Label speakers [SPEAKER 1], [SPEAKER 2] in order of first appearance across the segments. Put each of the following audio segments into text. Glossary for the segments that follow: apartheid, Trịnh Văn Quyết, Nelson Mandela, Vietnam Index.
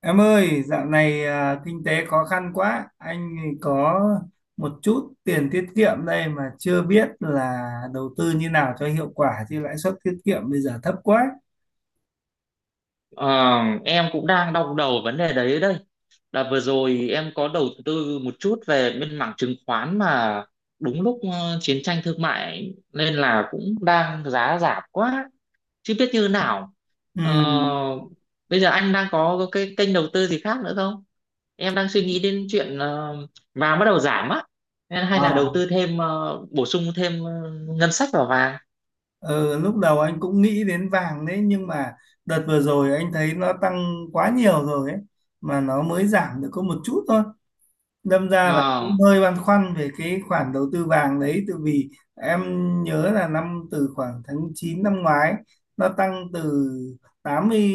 [SPEAKER 1] Em ơi, dạo này à, kinh tế khó khăn quá, anh có một chút tiền tiết kiệm đây mà chưa biết là đầu tư như nào cho hiệu quả, chứ lãi suất tiết kiệm bây giờ thấp quá.
[SPEAKER 2] Ờ, em cũng đang đau đầu vấn đề đấy đây. Là vừa rồi em có đầu tư một chút về bên mảng chứng khoán mà đúng lúc chiến tranh thương mại nên là cũng đang giá giảm quá, chứ biết như nào.
[SPEAKER 1] Ừ.
[SPEAKER 2] Ờ, Bây giờ anh đang có cái kênh đầu tư gì khác nữa không? Em đang suy nghĩ đến chuyện vàng bắt đầu giảm á, nên hay
[SPEAKER 1] Ờ.
[SPEAKER 2] là đầu tư thêm bổ sung thêm ngân sách vào vàng.
[SPEAKER 1] Ờ, lúc đầu anh cũng nghĩ đến vàng đấy, nhưng mà đợt vừa rồi anh thấy nó tăng quá nhiều rồi ấy, mà nó mới giảm được có một chút thôi, đâm ra là
[SPEAKER 2] Ờ,
[SPEAKER 1] cũng hơi băn khoăn về cái khoản đầu tư vàng đấy. Tại vì em nhớ là năm từ khoảng tháng 9 năm ngoái nó tăng từ tám mươi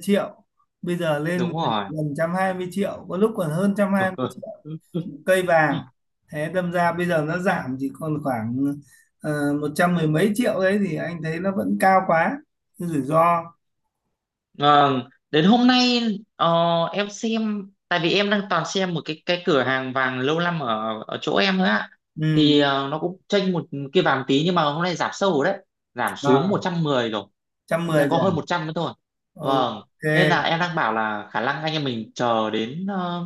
[SPEAKER 1] triệu bây giờ lên
[SPEAKER 2] đúng
[SPEAKER 1] gần
[SPEAKER 2] rồi.
[SPEAKER 1] 120 triệu, có lúc còn hơn 120 triệu cây vàng. Thế đâm ra bây giờ nó giảm chỉ còn khoảng 100 mười mấy triệu đấy, thì anh thấy nó vẫn cao quá, cái rủi ro.
[SPEAKER 2] Vâng, đến hôm nay ờ, em xem tại vì em đang toàn xem một cái cửa hàng vàng lâu năm ở ở chỗ em nữa ạ.
[SPEAKER 1] Ừ.
[SPEAKER 2] Thì nó cũng chênh một kia vàng tí nhưng mà hôm nay giảm sâu rồi đấy, giảm
[SPEAKER 1] À,
[SPEAKER 2] xuống một
[SPEAKER 1] một
[SPEAKER 2] trăm mười rồi.
[SPEAKER 1] trăm mười
[SPEAKER 2] Đã có
[SPEAKER 1] rồi
[SPEAKER 2] hơn một
[SPEAKER 1] à?
[SPEAKER 2] trăm nữa thôi.
[SPEAKER 1] Ok.
[SPEAKER 2] Vâng, nên là em đang bảo là khả năng anh em mình chờ đến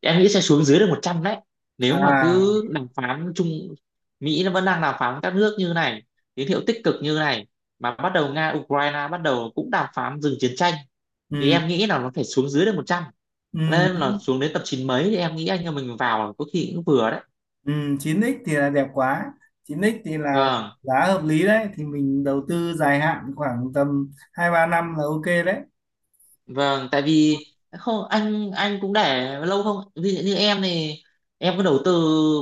[SPEAKER 2] em nghĩ sẽ xuống dưới được 100 đấy. Nếu mà
[SPEAKER 1] À.
[SPEAKER 2] cứ đàm phán chung Mỹ nó vẫn đang đàm phán với các nước như này, tín hiệu tích cực như này mà bắt đầu Nga Ukraine bắt đầu cũng đàm phán dừng chiến tranh thì
[SPEAKER 1] Ừ,
[SPEAKER 2] em nghĩ là nó phải xuống dưới được một trăm, nên là
[SPEAKER 1] ừ.
[SPEAKER 2] xuống đến tập chín mấy thì em nghĩ anh em mình vào có khi cũng vừa đấy.
[SPEAKER 1] Ừ, 9x thì là đẹp quá, chín x thì là
[SPEAKER 2] Vâng,
[SPEAKER 1] giá hợp lý đấy, thì mình đầu tư dài hạn khoảng tầm hai ba năm là ok đấy.
[SPEAKER 2] vâng, tại vì không anh cũng để lâu không, ví dụ như em này em cứ đầu tư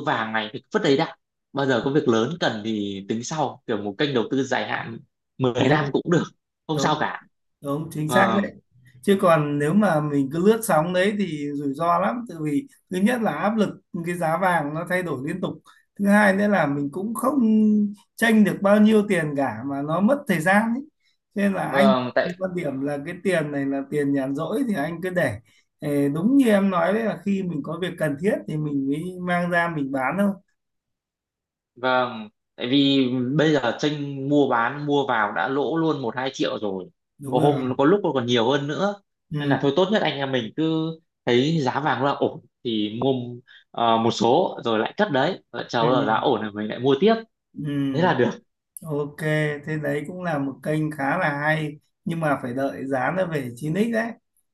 [SPEAKER 2] vàng này thì vứt đấy đã, bao giờ có việc lớn cần thì tính sau, kiểu một kênh đầu tư dài hạn mười
[SPEAKER 1] đúng.
[SPEAKER 2] năm cũng được, không
[SPEAKER 1] Đúng.
[SPEAKER 2] sao cả.
[SPEAKER 1] Đúng chính xác
[SPEAKER 2] Vâng,
[SPEAKER 1] đấy. Chứ còn nếu mà mình cứ lướt sóng đấy thì rủi ro lắm, tại vì thứ nhất là áp lực, cái giá vàng nó thay đổi liên tục. Thứ hai nữa là mình cũng không tranh được bao nhiêu tiền cả, mà nó mất thời gian ấy. Cho nên là anh
[SPEAKER 2] vâng,
[SPEAKER 1] anh quan điểm là cái tiền này là tiền nhàn rỗi, thì anh cứ để. Ờ, đúng như em nói đấy, là khi mình có việc cần thiết thì mình mới mang ra mình bán thôi.
[SPEAKER 2] Vâng, tại vì bây giờ tranh mua bán mua vào đã lỗ luôn 1-2 triệu rồi.
[SPEAKER 1] Đúng
[SPEAKER 2] Có
[SPEAKER 1] rồi.
[SPEAKER 2] hôm có lúc nó còn nhiều hơn nữa. Nên là
[SPEAKER 1] Ừ,
[SPEAKER 2] thôi tốt nhất anh em mình cứ thấy giá vàng là ổn thì mua một số rồi lại cất đấy, lại chờ
[SPEAKER 1] ừ,
[SPEAKER 2] bao giờ giá ổn rồi mình lại mua tiếp.
[SPEAKER 1] ừ.
[SPEAKER 2] Thế là được.
[SPEAKER 1] Ok, thế đấy cũng là một kênh khá là hay, nhưng mà phải đợi giá nó về chín x đấy.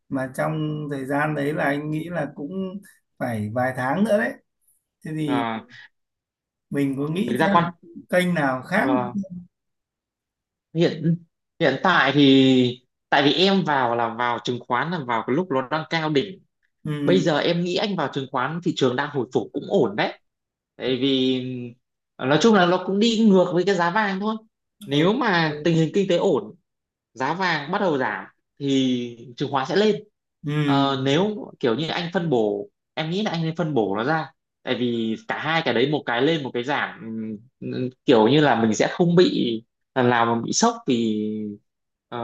[SPEAKER 1] Mà trong thời gian đấy là anh nghĩ là cũng phải vài tháng nữa đấy. Thế thì
[SPEAKER 2] À,
[SPEAKER 1] mình có nghĩ
[SPEAKER 2] thực ra con
[SPEAKER 1] thêm kênh nào khác?
[SPEAKER 2] ờ, hiện hiện tại thì tại vì em vào là vào chứng khoán là vào cái lúc nó đang cao đỉnh, bây
[SPEAKER 1] Ừ.
[SPEAKER 2] giờ em nghĩ anh vào chứng khoán thị trường đang hồi phục cũng ổn đấy, tại vì nói chung là nó cũng đi ngược với cái giá vàng thôi.
[SPEAKER 1] Ừ.
[SPEAKER 2] Nếu
[SPEAKER 1] Ừ.
[SPEAKER 2] mà tình hình kinh tế ổn giá vàng bắt đầu giảm thì chứng khoán sẽ lên.
[SPEAKER 1] Ừ.
[SPEAKER 2] Nếu kiểu như anh phân bổ em nghĩ là anh nên phân bổ nó ra, tại vì cả hai cái đấy một cái lên một cái giảm, kiểu như là mình sẽ không bị lần nào mà bị sốc vì ờ,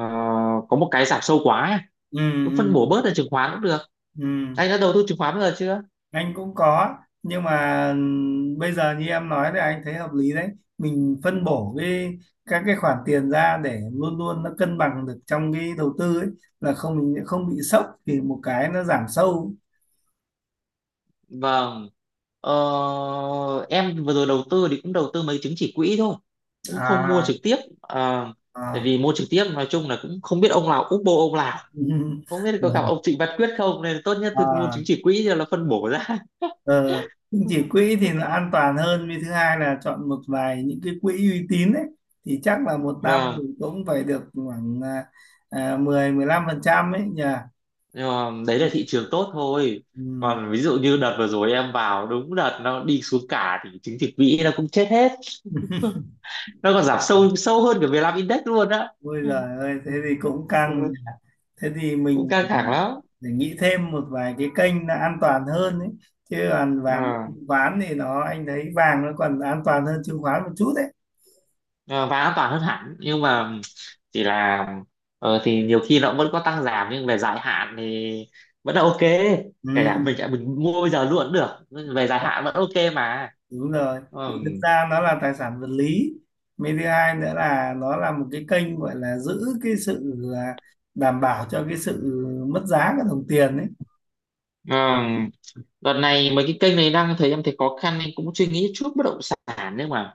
[SPEAKER 2] có một cái giảm sâu quá ấy.
[SPEAKER 1] Ừ.
[SPEAKER 2] Cứ phân
[SPEAKER 1] Ừ.
[SPEAKER 2] bổ bớt ra chứng khoán cũng được.
[SPEAKER 1] Ừ.
[SPEAKER 2] Anh đã đầu tư chứng khoán bao giờ chưa?
[SPEAKER 1] Anh cũng có, nhưng mà bây giờ như em nói thì anh thấy hợp lý đấy. Mình phân bổ các cái khoản tiền ra để luôn luôn nó cân bằng được trong cái đầu tư ấy, là không mình không bị sốc thì một cái nó giảm sâu.
[SPEAKER 2] Vâng. Ờ, em vừa rồi đầu tư thì cũng đầu tư mấy chứng chỉ quỹ thôi, cũng không mua
[SPEAKER 1] À.
[SPEAKER 2] trực tiếp. Ờ, Tại
[SPEAKER 1] À.
[SPEAKER 2] vì mua trực tiếp nói chung là cũng không biết ông nào úp bô ông nào, không biết có gặp ông Trịnh Văn Quyết không, nên tốt nhất thì cứ mua
[SPEAKER 1] à.
[SPEAKER 2] chứng chỉ quỹ cho nó phân bổ ra.
[SPEAKER 1] Ờ, Nhưng chỉ quỹ thì là an toàn hơn, vì thứ hai là chọn một vài những cái quỹ uy tín ấy, thì chắc là một năm
[SPEAKER 2] Vâng,
[SPEAKER 1] thì cũng phải được khoảng 10 15 phần trăm ấy nhỉ.
[SPEAKER 2] nhưng mà đấy là thị trường tốt thôi.
[SPEAKER 1] Ừ.
[SPEAKER 2] Còn ví dụ như đợt vừa rồi em vào đúng đợt nó đi xuống cả thì chứng chỉ quỹ nó cũng chết hết. Nó còn giảm sâu sâu hơn cả Vietnam Index luôn á.
[SPEAKER 1] Ôi giời ơi, thế thì cũng
[SPEAKER 2] Ừ,
[SPEAKER 1] căng nhỉ. Thế thì
[SPEAKER 2] cũng
[SPEAKER 1] mình
[SPEAKER 2] căng
[SPEAKER 1] phải,
[SPEAKER 2] thẳng lắm.
[SPEAKER 1] phải nghĩ thêm một vài cái kênh là an toàn hơn ấy. Chứ còn vàng
[SPEAKER 2] Ờ.
[SPEAKER 1] chứng khoán thì anh thấy vàng nó còn an toàn hơn chứng khoán một chút đấy.
[SPEAKER 2] Ờ, và an toàn hơn hẳn nhưng mà chỉ là thì nhiều khi nó vẫn có tăng giảm nhưng về dài hạn thì vẫn là ok, kể cả
[SPEAKER 1] Ừ,
[SPEAKER 2] mình mua bây giờ luôn cũng được nhưng về dài hạn vẫn ok mà.
[SPEAKER 1] đúng rồi. Vì
[SPEAKER 2] Ừm.
[SPEAKER 1] thực ra nó là tài sản vật lý. Mấy thứ hai nữa là nó là một cái kênh gọi là giữ cái sự đảm bảo cho cái sự mất giá của đồng tiền ấy.
[SPEAKER 2] Ừm, Đợt này mấy cái kênh này đang thấy em thấy khó khăn nên cũng suy nghĩ chút bất động sản, nhưng mà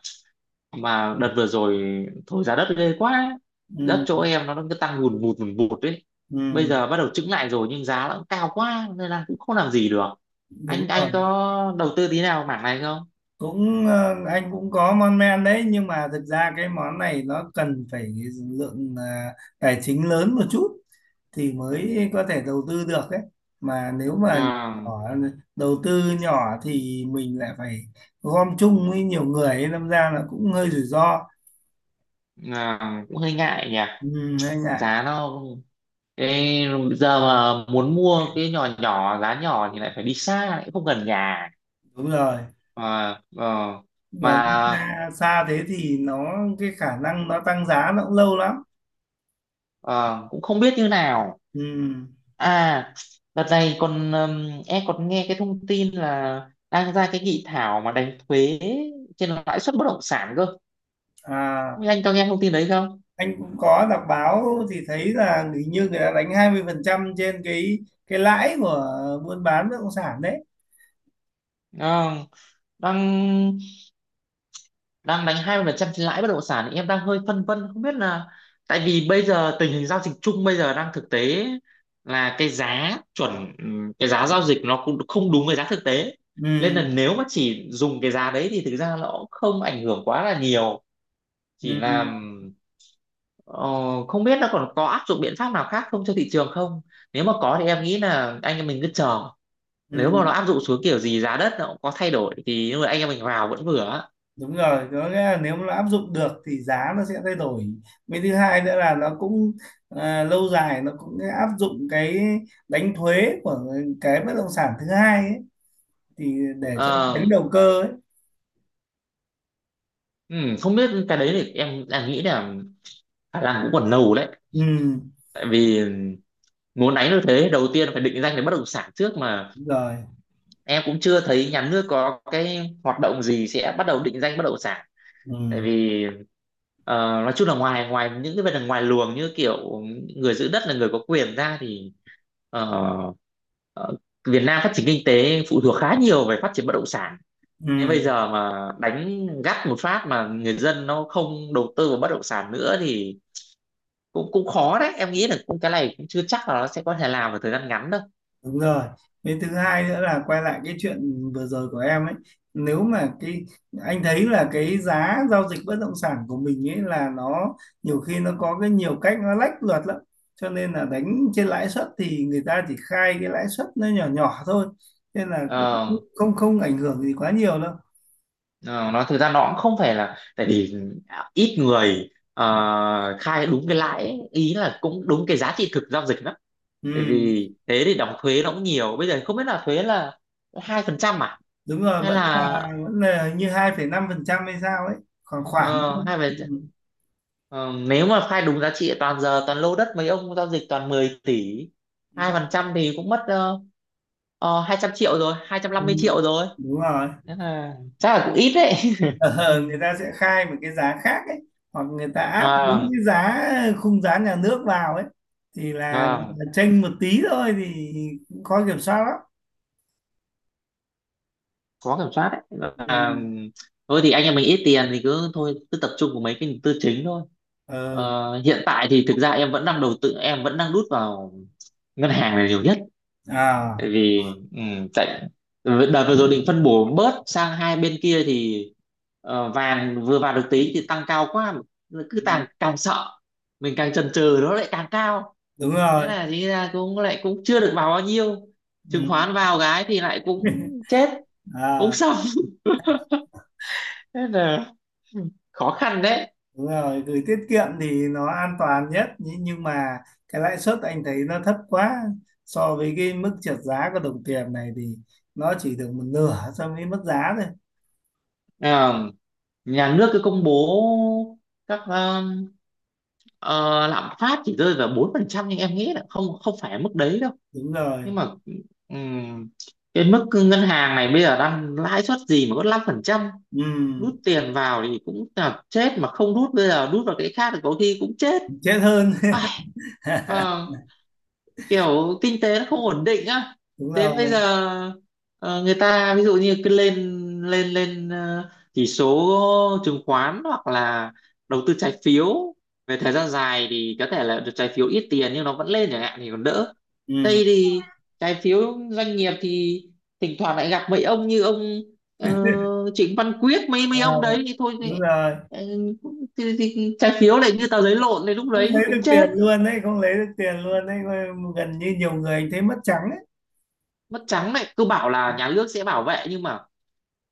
[SPEAKER 2] đợt vừa rồi thổi giá đất ghê quá. Đất
[SPEAKER 1] Ừ,
[SPEAKER 2] chỗ em nó cứ tăng hùn vụt đấy, bây
[SPEAKER 1] ừ,
[SPEAKER 2] giờ bắt đầu chững lại rồi nhưng giá nó cũng cao quá nên là cũng không làm gì được.
[SPEAKER 1] đúng
[SPEAKER 2] Anh
[SPEAKER 1] rồi.
[SPEAKER 2] có đầu tư tí nào mảng này không?
[SPEAKER 1] Cũng anh cũng có mon men đấy, nhưng mà thực ra cái món này nó cần phải lượng tài chính lớn một chút thì mới có thể đầu tư được ấy. Mà nếu mà nhỏ,
[SPEAKER 2] à,
[SPEAKER 1] đầu tư nhỏ thì mình lại phải gom chung với nhiều người ấy, đâm ra là cũng hơi rủi ro.
[SPEAKER 2] Cũng hơi ngại nhỉ.
[SPEAKER 1] Ừ, hơi ngại.
[SPEAKER 2] Giá nó cái giờ mà muốn mua cái nhỏ nhỏ giá nhỏ thì lại phải đi xa, lại không gần nhà,
[SPEAKER 1] Đúng rồi.
[SPEAKER 2] mà ờ, mà
[SPEAKER 1] Và đi xa xa thế thì cái khả năng nó tăng giá nó cũng lâu lắm.
[SPEAKER 2] ờ, cũng không biết như nào.
[SPEAKER 1] Ừ.
[SPEAKER 2] À, đợt này còn em còn nghe cái thông tin là đang ra cái nghị thảo mà đánh thuế trên lãi suất bất động sản cơ. Không
[SPEAKER 1] À,
[SPEAKER 2] biết anh có nghe thông tin đấy không?
[SPEAKER 1] anh cũng có đọc báo, thì thấy là hình như người ta đánh 20% trên cái lãi của buôn bán bất động sản đấy.
[SPEAKER 2] Ờ, đang đang đánh 20% trên lãi bất động sản thì em đang hơi phân vân không biết là, tại vì bây giờ tình hình giao dịch chung bây giờ đang thực tế là cái giá chuẩn, cái giá giao dịch nó cũng không đúng với giá thực tế. Nên
[SPEAKER 1] Ừ,
[SPEAKER 2] là nếu mà chỉ dùng cái giá đấy thì thực ra nó cũng không ảnh hưởng quá là nhiều, chỉ là.
[SPEAKER 1] ừ,
[SPEAKER 2] Ờ, Không biết nó còn có áp dụng biện pháp nào khác không cho thị trường không? Nếu mà có thì em nghĩ là anh em mình cứ chờ. Nếu mà nó
[SPEAKER 1] ừ.
[SPEAKER 2] áp dụng xuống kiểu gì giá đất nó cũng có thay đổi thì lúc đấy anh em mình vào vẫn vừa á.
[SPEAKER 1] Đúng rồi, có nghĩa là nếu mà nó áp dụng được thì giá nó sẽ thay đổi. Với thứ hai nữa là nó cũng lâu dài nó cũng áp dụng cái đánh thuế của cái bất động sản thứ hai ấy, thì để cho
[SPEAKER 2] Ờ,
[SPEAKER 1] tránh đầu cơ ấy.
[SPEAKER 2] Không biết cái đấy thì em nghĩ là khả năng cũng còn lâu đấy.
[SPEAKER 1] Ừ,
[SPEAKER 2] Tại vì muốn đánh được thế đầu tiên phải định danh về bất động sản trước, mà
[SPEAKER 1] đúng rồi.
[SPEAKER 2] em cũng chưa thấy nhà nước có cái hoạt động gì sẽ bắt đầu định danh bất động sản, tại
[SPEAKER 1] Ừ,
[SPEAKER 2] vì ờ, nói chung là ngoài ngoài những cái vấn đề ngoài luồng như kiểu người giữ đất là người có quyền ra thì ờ, ờ, Việt Nam phát triển kinh tế phụ thuộc khá nhiều về phát triển bất động sản,
[SPEAKER 1] ừ.
[SPEAKER 2] nên bây giờ mà đánh gắt một phát mà người dân nó không đầu tư vào bất động sản nữa thì cũng cũng khó đấy, em nghĩ là cũng cái này cũng chưa chắc là nó sẽ có thể làm vào thời gian ngắn đâu.
[SPEAKER 1] Đúng rồi. Cái thứ hai nữa là quay lại cái chuyện vừa rồi của em ấy. Nếu mà anh thấy là cái giá giao dịch bất động sản của mình ấy, là nó nhiều khi nó có cái nhiều cách nó lách luật lắm. Cho nên là đánh trên lãi suất thì người ta chỉ khai cái lãi suất nó nhỏ nhỏ thôi. Nên là cũng
[SPEAKER 2] Ờ,
[SPEAKER 1] không không ảnh hưởng gì quá nhiều đâu.
[SPEAKER 2] Ờ, nó thực ra nó cũng không phải là, tại vì ít người khai đúng cái lãi ấy. Ý là cũng đúng cái giá trị thực giao dịch lắm, tại
[SPEAKER 1] Ừ,
[SPEAKER 2] vì thế thì đóng thuế nó cũng nhiều. Bây giờ không biết là thuế là 2% à
[SPEAKER 1] đúng rồi,
[SPEAKER 2] hay
[SPEAKER 1] vẫn
[SPEAKER 2] là
[SPEAKER 1] là vẫn là hình như 2,5% hay sao ấy, khoảng khoảng.
[SPEAKER 2] ờ, hai phần
[SPEAKER 1] Ừ.
[SPEAKER 2] ờ, nếu mà khai đúng giá trị toàn giờ toàn lô đất mấy ông giao dịch toàn 10 tỷ,
[SPEAKER 1] Ừ.
[SPEAKER 2] 2% thì cũng mất 200 triệu rồi hai trăm
[SPEAKER 1] Ừ,
[SPEAKER 2] năm mươi triệu rồi,
[SPEAKER 1] đúng rồi.
[SPEAKER 2] thế là chắc là cũng ít đấy.
[SPEAKER 1] Ờ, người ta sẽ khai một cái giá khác ấy, hoặc người ta áp đúng cái giá khung giá nhà nước vào ấy, thì là
[SPEAKER 2] À,
[SPEAKER 1] là chênh một tí thôi, thì cũng khó kiểm soát lắm.
[SPEAKER 2] khó kiểm soát đấy. Và
[SPEAKER 1] Ừ.
[SPEAKER 2] thôi thì anh em mình ít tiền thì cứ thôi cứ tập trung vào mấy cái tư chính thôi.
[SPEAKER 1] Ờ.
[SPEAKER 2] Hiện tại thì thực ra em vẫn đang đầu tư, em vẫn đang đút vào ngân hàng là nhiều nhất,
[SPEAKER 1] À.
[SPEAKER 2] tại vì ừ, tại đợt vừa rồi định phân bổ bớt sang hai bên kia thì vàng vừa vào được tí thì tăng cao quá, cứ
[SPEAKER 1] Ừ,
[SPEAKER 2] càng càng sợ mình càng chần chừ nó lại càng cao,
[SPEAKER 1] đúng
[SPEAKER 2] thế
[SPEAKER 1] rồi.
[SPEAKER 2] là thì ra cũng lại cũng chưa được vào bao nhiêu. Chứng
[SPEAKER 1] Ừ.
[SPEAKER 2] khoán vào cái thì lại cũng chết, cũng
[SPEAKER 1] À,
[SPEAKER 2] sợ, thế là ừ, khó khăn đấy.
[SPEAKER 1] đúng rồi, gửi tiết kiệm thì nó an toàn nhất nhưng mà cái lãi suất anh thấy nó thấp quá, so với cái mức trượt giá của đồng tiền này thì nó chỉ được một nửa so với mức giá thôi.
[SPEAKER 2] À, nhà nước cứ công bố các ờ, lạm phát chỉ rơi vào 4% nhưng em nghĩ là không không phải mức đấy đâu.
[SPEAKER 1] Đúng rồi.
[SPEAKER 2] Nhưng mà ừm, cái mức ngân hàng này bây giờ đang lãi suất gì mà có 5%,
[SPEAKER 1] Ừ.
[SPEAKER 2] rút tiền vào thì cũng là chết, mà không rút bây giờ rút vào cái khác thì có khi cũng chết.
[SPEAKER 1] Chết hơn.
[SPEAKER 2] Ai, ờ, kiểu kinh tế nó không ổn định á.
[SPEAKER 1] đúng
[SPEAKER 2] Đến bây
[SPEAKER 1] rồi.
[SPEAKER 2] giờ người ta ví dụ như cứ lên lên lên ờ, chỉ số chứng khoán hoặc là đầu tư trái phiếu, về thời gian dài thì có thể là được trái phiếu ít tiền nhưng nó vẫn lên chẳng hạn thì còn đỡ.
[SPEAKER 1] Ừ.
[SPEAKER 2] Đây thì trái phiếu doanh nghiệp thì thỉnh thoảng lại gặp mấy ông như ông ờ, Trịnh Văn Quyết, mấy
[SPEAKER 1] À,
[SPEAKER 2] mấy ông đấy thì thôi
[SPEAKER 1] đúng
[SPEAKER 2] thì,
[SPEAKER 1] rồi.
[SPEAKER 2] ờ, thì, trái phiếu lại như tờ giấy lộn thì lúc
[SPEAKER 1] Không
[SPEAKER 2] đấy thì
[SPEAKER 1] lấy được
[SPEAKER 2] cũng chết.
[SPEAKER 1] tiền luôn đấy, không lấy được tiền luôn đấy. Gần như nhiều người anh thấy mất trắng ấy.
[SPEAKER 2] Mất trắng đấy, cứ bảo là nhà nước sẽ bảo vệ nhưng mà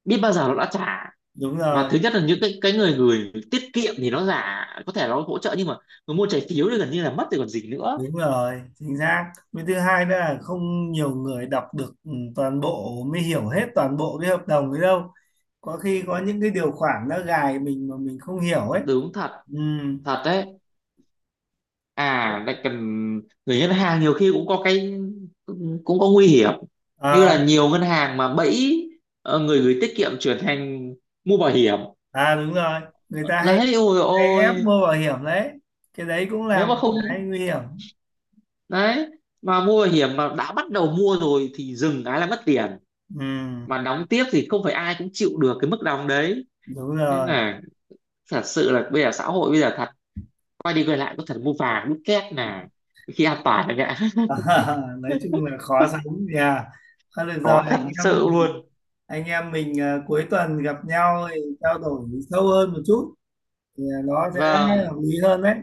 [SPEAKER 2] biết bao giờ nó đã trả.
[SPEAKER 1] Đúng
[SPEAKER 2] Và
[SPEAKER 1] rồi.
[SPEAKER 2] thứ nhất là những cái người người tiết kiệm thì nó giả có thể nó hỗ trợ, nhưng mà người mua trái phiếu thì gần như là mất rồi còn gì nữa.
[SPEAKER 1] Đúng rồi, chính xác. Với thứ hai nữa là không nhiều người đọc được toàn bộ mới hiểu hết toàn bộ cái hợp đồng ấy đâu. Có khi có những cái điều khoản nó gài mình mà mình không hiểu ấy.
[SPEAKER 2] Đúng thật,
[SPEAKER 1] Ừ.
[SPEAKER 2] thật đấy. À lại cần người ngân hàng nhiều khi cũng có cái cũng có nguy hiểm, như
[SPEAKER 1] À.
[SPEAKER 2] là nhiều ngân hàng mà bẫy người gửi tiết kiệm chuyển thành mua bảo hiểm.
[SPEAKER 1] À, đúng rồi, người ta hay
[SPEAKER 2] Đấy ôi
[SPEAKER 1] hay ép
[SPEAKER 2] ôi,
[SPEAKER 1] mua bảo hiểm đấy, cái đấy cũng là
[SPEAKER 2] nếu
[SPEAKER 1] một
[SPEAKER 2] mà
[SPEAKER 1] cái
[SPEAKER 2] không
[SPEAKER 1] nguy hiểm.
[SPEAKER 2] đấy mà mua bảo hiểm mà đã bắt đầu mua rồi thì dừng cái là mất tiền,
[SPEAKER 1] Ừ,
[SPEAKER 2] mà đóng tiếp thì không phải ai cũng chịu được cái mức đóng đấy.
[SPEAKER 1] đúng
[SPEAKER 2] Nên
[SPEAKER 1] rồi.
[SPEAKER 2] là thật sự là bây giờ xã hội bây giờ thật, quay đi quay lại có thật mua vàng đúc két là khi an toàn là ngã.
[SPEAKER 1] nói chung là khó sống nhà. Thôi được rồi,
[SPEAKER 2] Có thật
[SPEAKER 1] anh em
[SPEAKER 2] sự
[SPEAKER 1] mình
[SPEAKER 2] luôn.
[SPEAKER 1] anh em mình à, cuối tuần gặp nhau thì trao đổi sâu hơn một chút, thì nó sẽ
[SPEAKER 2] Vâng,
[SPEAKER 1] hợp lý hơn đấy.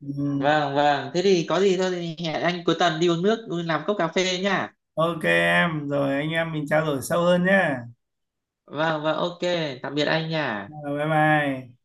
[SPEAKER 1] Ừ.
[SPEAKER 2] vâng, vâng, thế thì có gì thôi thì hẹn anh cuối tuần đi uống nước đi làm cốc cà phê nha.
[SPEAKER 1] Ok em, rồi anh em mình trao đổi sâu hơn nhé.
[SPEAKER 2] Vâng, vâng, ok, tạm biệt anh nha.
[SPEAKER 1] Rồi, bye bye.